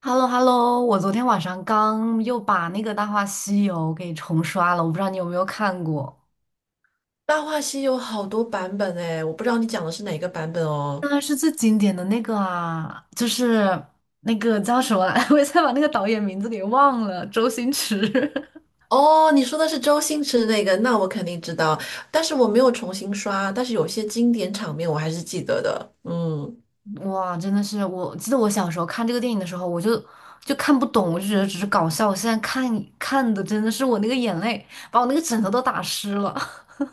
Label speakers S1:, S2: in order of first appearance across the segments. S1: h e l l o 我昨天晚上刚又把那个《大话西游》给重刷了，我不知道你有没有看过，
S2: 《大话西游》好多版本哎，我不知道你讲的是哪个版本哦。
S1: 当然是最经典的那个啊，就是那个叫什么来，我一下把那个导演名字给忘了，周星驰。
S2: 哦，你说的是周星驰的那个，那我肯定知道，但是我没有重新刷，但是有些经典场面我还是记得的。嗯，
S1: 哇，真的是，我记得我小时候看这个电影的时候，我就看不懂，我就觉得只是搞笑，我现在看的真的是我那个眼泪把我那个枕头都打湿了。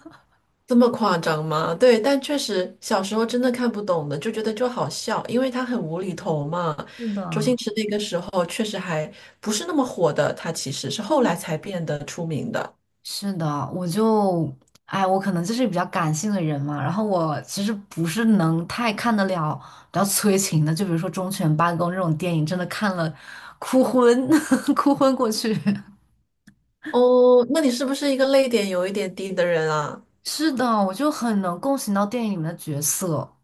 S2: 这么夸张吗？对，但确实小时候真的看不懂的，就觉得就好笑，因为他很无厘头嘛。
S1: 是
S2: 周星
S1: 的，
S2: 驰那个时候确实还不是那么火的，他其实是后来才变得出名的。
S1: 是的，我就，哎，我可能就是比较感性的人嘛，然后我其实不是能太看得了比较催情的，就比如说《忠犬八公》这种电影，真的看了哭昏，哭昏过去。
S2: 哦，那你是不是一个泪点有一点低的人啊？
S1: 是的，我就很能共情到电影里面的角色。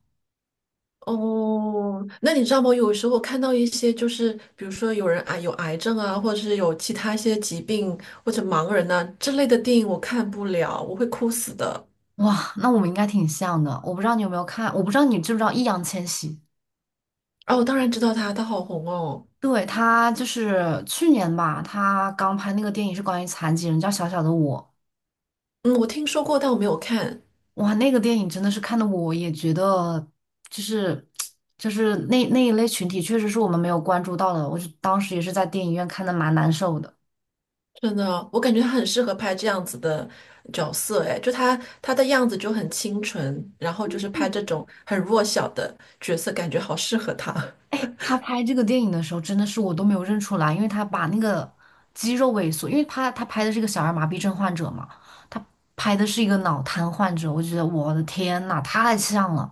S2: 哦，那你知道吗？有时候看到一些，就是比如说有人啊有癌症啊，或者是有其他一些疾病或者盲人呐、之类的电影，我看不了，我会哭死的。
S1: 哇，那我们应该挺像的。我不知道你有没有看，我不知道你知不知道易烊千玺。
S2: 哦，我当然知道他，他好红哦。
S1: 对，他就是去年吧，他刚拍那个电影是关于残疾人，叫《小小的我》。
S2: 嗯，我听说过，但我没有看。
S1: 哇，那个电影真的是看的，我也觉得就是就是那一类群体，确实是我们没有关注到的。我是当时也是在电影院看的，蛮难受的。
S2: 真的，我感觉他很适合拍这样子的角色，哎，就他的样子就很清纯，然后就是拍这种很弱小的角色，感觉好适合他。
S1: 他拍这个电影的时候，真的是我都没有认出来，因为他把那个肌肉萎缩，因为他拍的是一个小儿麻痹症患者嘛，他拍的是一个脑瘫患者，我觉得我的天呐，太像了。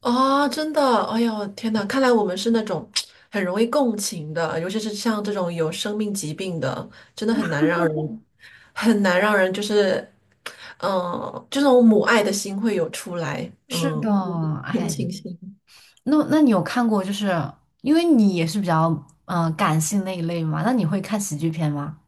S2: 啊，真的，哎呦，天呐，看来我们是那种很容易共情的，尤其是像这种有生命疾病的，真的很难让人，很难让人就是，这种母爱的心会有出来，
S1: 是的，
S2: 同
S1: 哎，
S2: 情心。
S1: 那你有看过，就是因为你也是比较感性那一类嘛，那你会看喜剧片吗？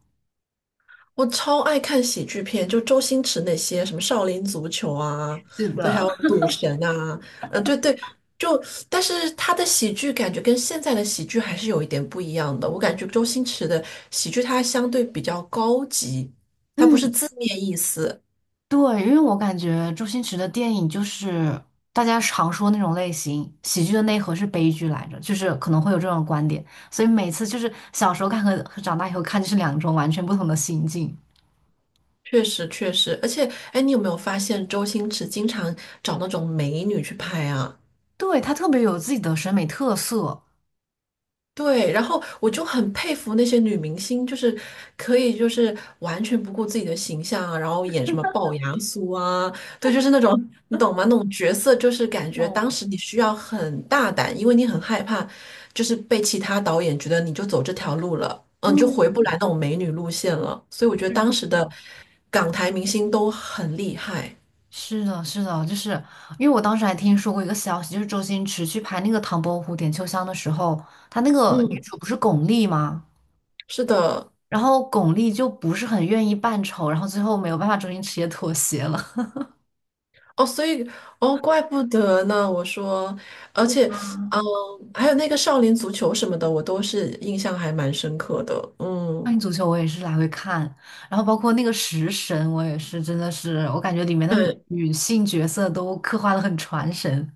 S2: 我超爱看喜剧片，就周星驰那些什么《少林足球》啊，
S1: 是
S2: 对，还有
S1: 的，
S2: 《赌神》啊，嗯，对对，就但是他的喜剧感觉跟现在的喜剧还是有一点不一样的。我感觉周星驰的喜剧它相对比较高级，它不是
S1: 嗯，
S2: 字面意思，
S1: 对，因为我感觉周星驰的电影就是大家常说那种类型，喜剧的内核是悲剧来着，就是可能会有这种观点，所以每次就是小时候看和长大以后看就是两种完全不同的心境。
S2: 确实确实。而且，哎，你有没有发现周星驰经常找那种美女去拍啊？
S1: 对，他特别有自己的审美特色。
S2: 对，然后我就很佩服那些女明星，就是可以就是完全不顾自己的形象啊，然后演什么龅牙苏啊，对，就是那种你懂吗？那种角色就是感觉
S1: 哦，
S2: 当时你需要很大胆，因为你很害怕，就是被其他导演觉得你就走这条路了，嗯，你就回
S1: 嗯，
S2: 不来那种美女路线了。所以我觉得
S1: 是
S2: 当
S1: 这
S2: 时的
S1: 样。
S2: 港台明星都很厉害，
S1: 是的，是的，就是因为我当时还听说过一个消息，就是周星驰去拍那个《唐伯虎点秋香》的时候，他那个女
S2: 嗯，
S1: 主不是巩俐吗？
S2: 是的。
S1: 然后巩俐就不是很愿意扮丑，然后最后没有办法，周星驰也妥协了。
S2: 哦，所以哦，怪不得呢。我说，而且，
S1: 对。
S2: 嗯，还有那个少林足球什么的，我都是印象还蛮深刻的。
S1: 少林
S2: 嗯，
S1: 足球 我也是来回看，然后包括那个食神，我也是真的是，我感觉里面的
S2: 对
S1: 女性角色都刻画的很传神。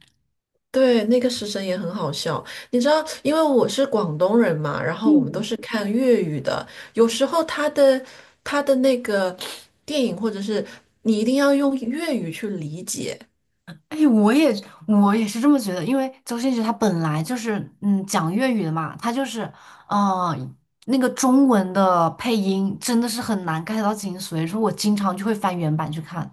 S2: 对，那个食神也很好笑。你知道，因为我是广东人嘛，然后我们都
S1: 嗯，
S2: 是看粤语的，有时候他的那个电影或者是你一定要用粤语去理解，
S1: 哎，我也是这么觉得，因为周星驰他本来就是讲粤语的嘛，他就是嗯、呃那个中文的配音真的是很难 get 到精髓，所以说我经常就会翻原版去看。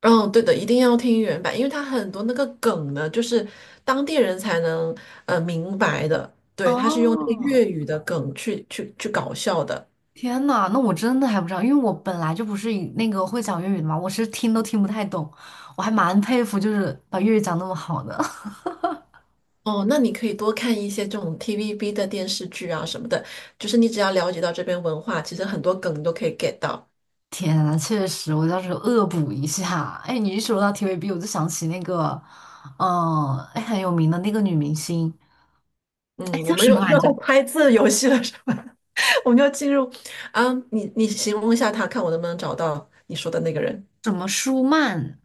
S2: 嗯，对的，一定要听原版，因为它很多那个梗呢，就是当地人才能明白的。对，它是用那个
S1: 哦，
S2: 粤语的梗去搞笑的。
S1: 天呐，那我真的还不知道，因为我本来就不是以那个会讲粤语的嘛，我是听都听不太懂，我还蛮佩服，就是把粤语讲那么好的。
S2: 哦，那你可以多看一些这种 TVB 的电视剧啊什么的，就是你只要了解到这边文化，其实很多梗你都可以 get 到。
S1: 天呐，确实，我到时候恶补一下。哎，你一说到 TVB,我就想起那个，哎，很有名的那个女明星，
S2: 嗯，
S1: 哎，
S2: 我
S1: 叫
S2: 们
S1: 什
S2: 又
S1: 么来
S2: 又
S1: 着？
S2: 来拍字游戏了，是吧？我们就进入，啊，你形容一下他，看我能不能找到你说的那个人。
S1: 什么舒曼？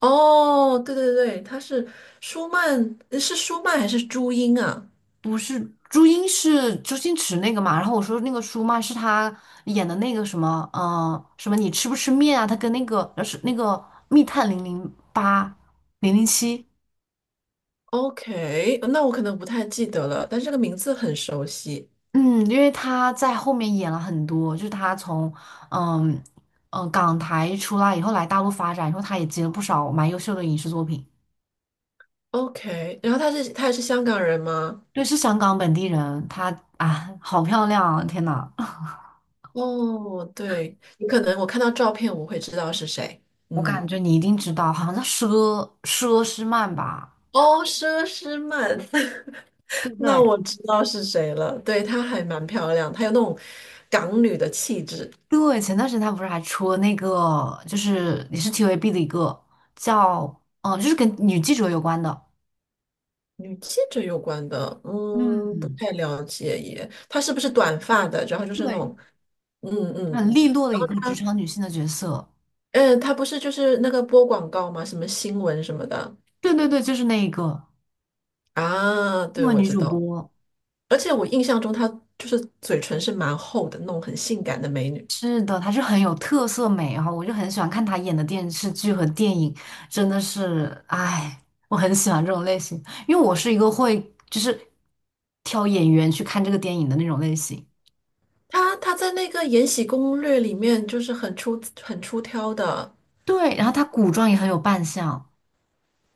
S2: 哦，对对对，他是舒曼，是舒曼还是朱茵啊
S1: 不是朱茵是周星驰那个嘛？然后我说那个舒曼是他演的那个什么，什么你吃不吃面啊？他跟那个是那个密探零零八零零七，
S2: ？OK,那我可能不太记得了，但这个名字很熟悉。
S1: 嗯，因为他在后面演了很多，就是他从嗯港台出来以后来大陆发展然后，他也接了不少蛮优秀的影视作品。
S2: OK,然后他也是香港人吗？
S1: 对，是香港本地人，她啊，好漂亮啊天呐，
S2: 哦，对，你可能我看到照片我会知道是谁。
S1: 我
S2: 嗯，
S1: 感觉你一定知道，好像叫佘诗曼吧，
S2: 哦，佘诗曼，
S1: 对不
S2: 那
S1: 对？
S2: 我知道是谁了。对，她还蛮漂亮，她有那种港女的气质。
S1: 对，前段时间他不是还出了那个，就是也是 TVB 的一个叫，嗯，就是跟女记者有关的，
S2: 女记者有关的，嗯，不
S1: 嗯，
S2: 太了解耶。她是不是短发的？然后就是那
S1: 对，
S2: 种，嗯
S1: 很
S2: 嗯，
S1: 利落的一个职
S2: 她，
S1: 场女性的角色。
S2: 嗯，她不是就是那个播广告吗？什么新闻什么的
S1: 对对对，就是那一个
S2: 啊？
S1: 因
S2: 对，
S1: 为
S2: 我
S1: 女
S2: 知
S1: 主
S2: 道。
S1: 播。
S2: 而且我印象中她就是嘴唇是蛮厚的，那种很性感的美女。
S1: 是的，她是很有特色美哈，我就很喜欢看她演的电视剧和电影，真的是，哎，我很喜欢这种类型，因为我是一个会就是挑演员去看这个电影的那种类型。
S2: 她在那个《延禧攻略》里面就是很出很出挑的。
S1: 对，然后她古装也很有扮相。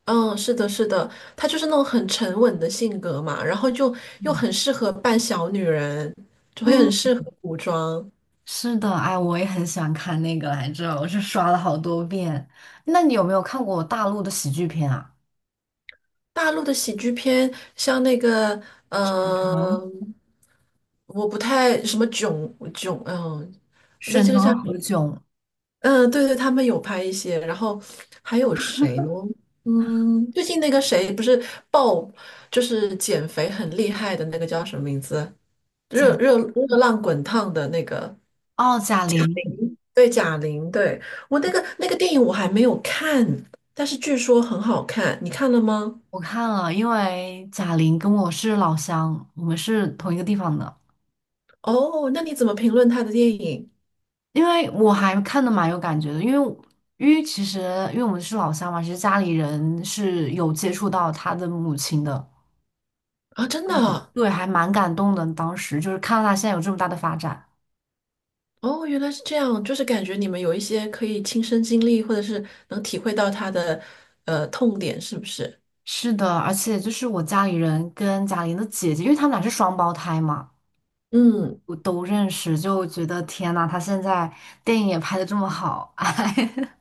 S2: 嗯，是的，是的，她就是那种很沉稳的性格嘛，然后就又很适合扮小女人，就会很
S1: 嗯。
S2: 适合古装。
S1: 是的，哎，我也很喜欢看那个来着，我是刷了好多遍。那你有没有看过大陆的喜剧片啊？
S2: 大陆的喜剧片，像那个，
S1: 嗯，
S2: 嗯，我不太什么囧囧，嗯，那
S1: 沈
S2: 这个叫
S1: 腾
S2: 什
S1: 和
S2: 么
S1: 炅
S2: 嗯，对对，他们有拍一些，然后还有谁呢？嗯，最近那个谁不是爆，就是减肥很厉害的那个叫什么名字？
S1: 在。
S2: 热浪滚烫的那个。
S1: 哦，贾玲，
S2: 对，贾玲，对，我那个电影我还没有看，但是据说很好看，你看了吗？
S1: 我看了，因为贾玲跟我是老乡，我们是同一个地方的。
S2: 哦，那你怎么评论她的电影
S1: 因为我还看的蛮有感觉的，因为其实因为我们是老乡嘛，其实家里人是有接触到他的母亲的，
S2: 啊？真的啊
S1: 对，还蛮感动的。当时就是看到他现在有这么大的发展。
S2: 哦，原来是这样，就是感觉你们有一些可以亲身经历，或者是能体会到她的痛点，是不是？
S1: 是的，而且就是我家里人跟贾玲的姐姐，因为他们俩是双胞胎嘛，
S2: 嗯，
S1: 我都认识，就觉得天呐，她现在电影也拍的这么好，哎，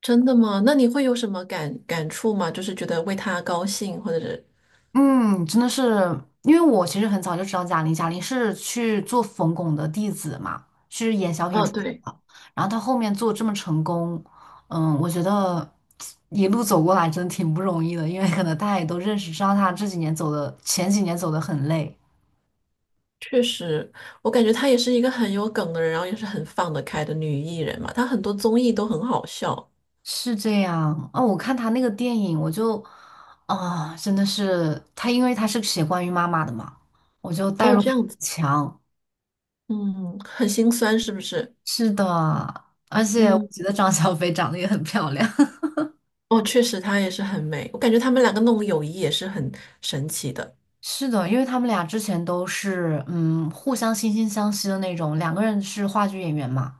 S2: 真的吗？那你会有什么感触吗？就是觉得为她高兴，或者是
S1: 嗯，真的是，因为我其实很早就知道贾玲，贾玲是去做冯巩的弟子嘛，是演小品
S2: 哦，
S1: 出身
S2: 对，
S1: 的，然后她后面做这么成功，嗯，我觉得一路走过来真的挺不容易的，因为可能大家也都认识，知道她这几年走的，前几年走的很累。
S2: 确实，我感觉她也是一个很有梗的人，然后也是很放得开的女艺人嘛，她很多综艺都很好笑。
S1: 是这样哦，我看他那个电影，我就真的是他，因为他是写关于妈妈的嘛，我就代
S2: 哦，
S1: 入
S2: 这
S1: 感
S2: 样
S1: 很
S2: 子，
S1: 强。
S2: 嗯，很心酸是不是？
S1: 是的，而且我
S2: 嗯，
S1: 觉得张小斐长得也很漂亮。
S2: 哦，确实她也是很美，我感觉他们两个那种友谊也是很神奇的。
S1: 是的，因为他们俩之前都是互相惺惺相惜的那种，两个人是话剧演员嘛，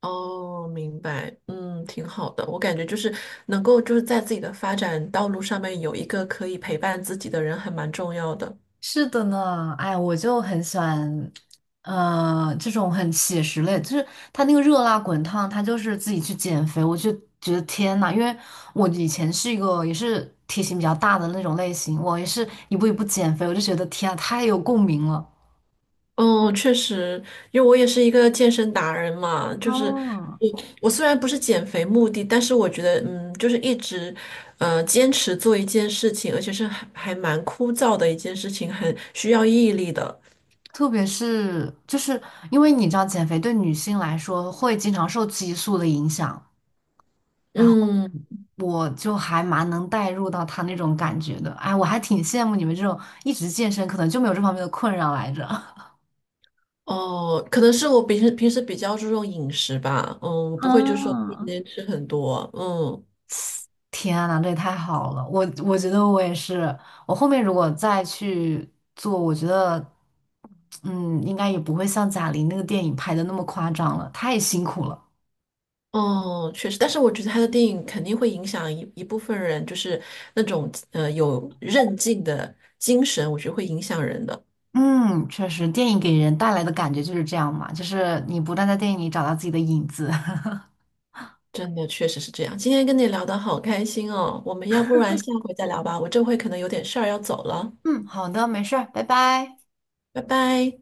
S2: 哦，明白，嗯，挺好的。我感觉就是能够就是在自己的发展道路上面有一个可以陪伴自己的人，还蛮重要的。
S1: 是的呢，哎，我就很喜欢，这种很写实类，就是他那个热辣滚烫，他就是自己去减肥，我就觉得天呐，因为我以前是一个也是体型比较大的那种类型，我也是一步一步减肥，我就觉得天啊，太有共鸣了。
S2: 嗯，确实，因为我也是一个健身达人嘛，就是
S1: 嗯，
S2: 我我虽然不是减肥目的，但是我觉得，嗯，就是一直，坚持做一件事情，而且是还蛮枯燥的一件事情，很需要毅力的。
S1: 特别是就是因为你知道，减肥对女性来说会经常受激素的影响。然后
S2: 嗯，
S1: 我就还蛮能带入到他那种感觉的。哎，我还挺羡慕你们这种一直健身，可能就没有这方面的困扰来着。
S2: 哦，可能是我平时比较注重饮食吧，嗯，不会就说天
S1: 嗯，
S2: 天吃很多，嗯。
S1: 天呐，这也太好了！我觉得我也是，我后面如果再去做，我觉得，嗯，应该也不会像贾玲那个电影拍的那么夸张了，太辛苦了。
S2: 哦，确实，但是我觉得他的电影肯定会影响一部分人，就是那种有韧劲的精神，我觉得会影响人的。
S1: 嗯，确实，电影给人带来的感觉就是这样嘛，就是你不断在电影里找到自己的影子。
S2: 真的，确实是这样。今天跟你聊得好开心哦，我们要不然下回再聊吧，我这回可能有点事儿要走了，
S1: 嗯，好的，没事儿拜拜。
S2: 拜拜。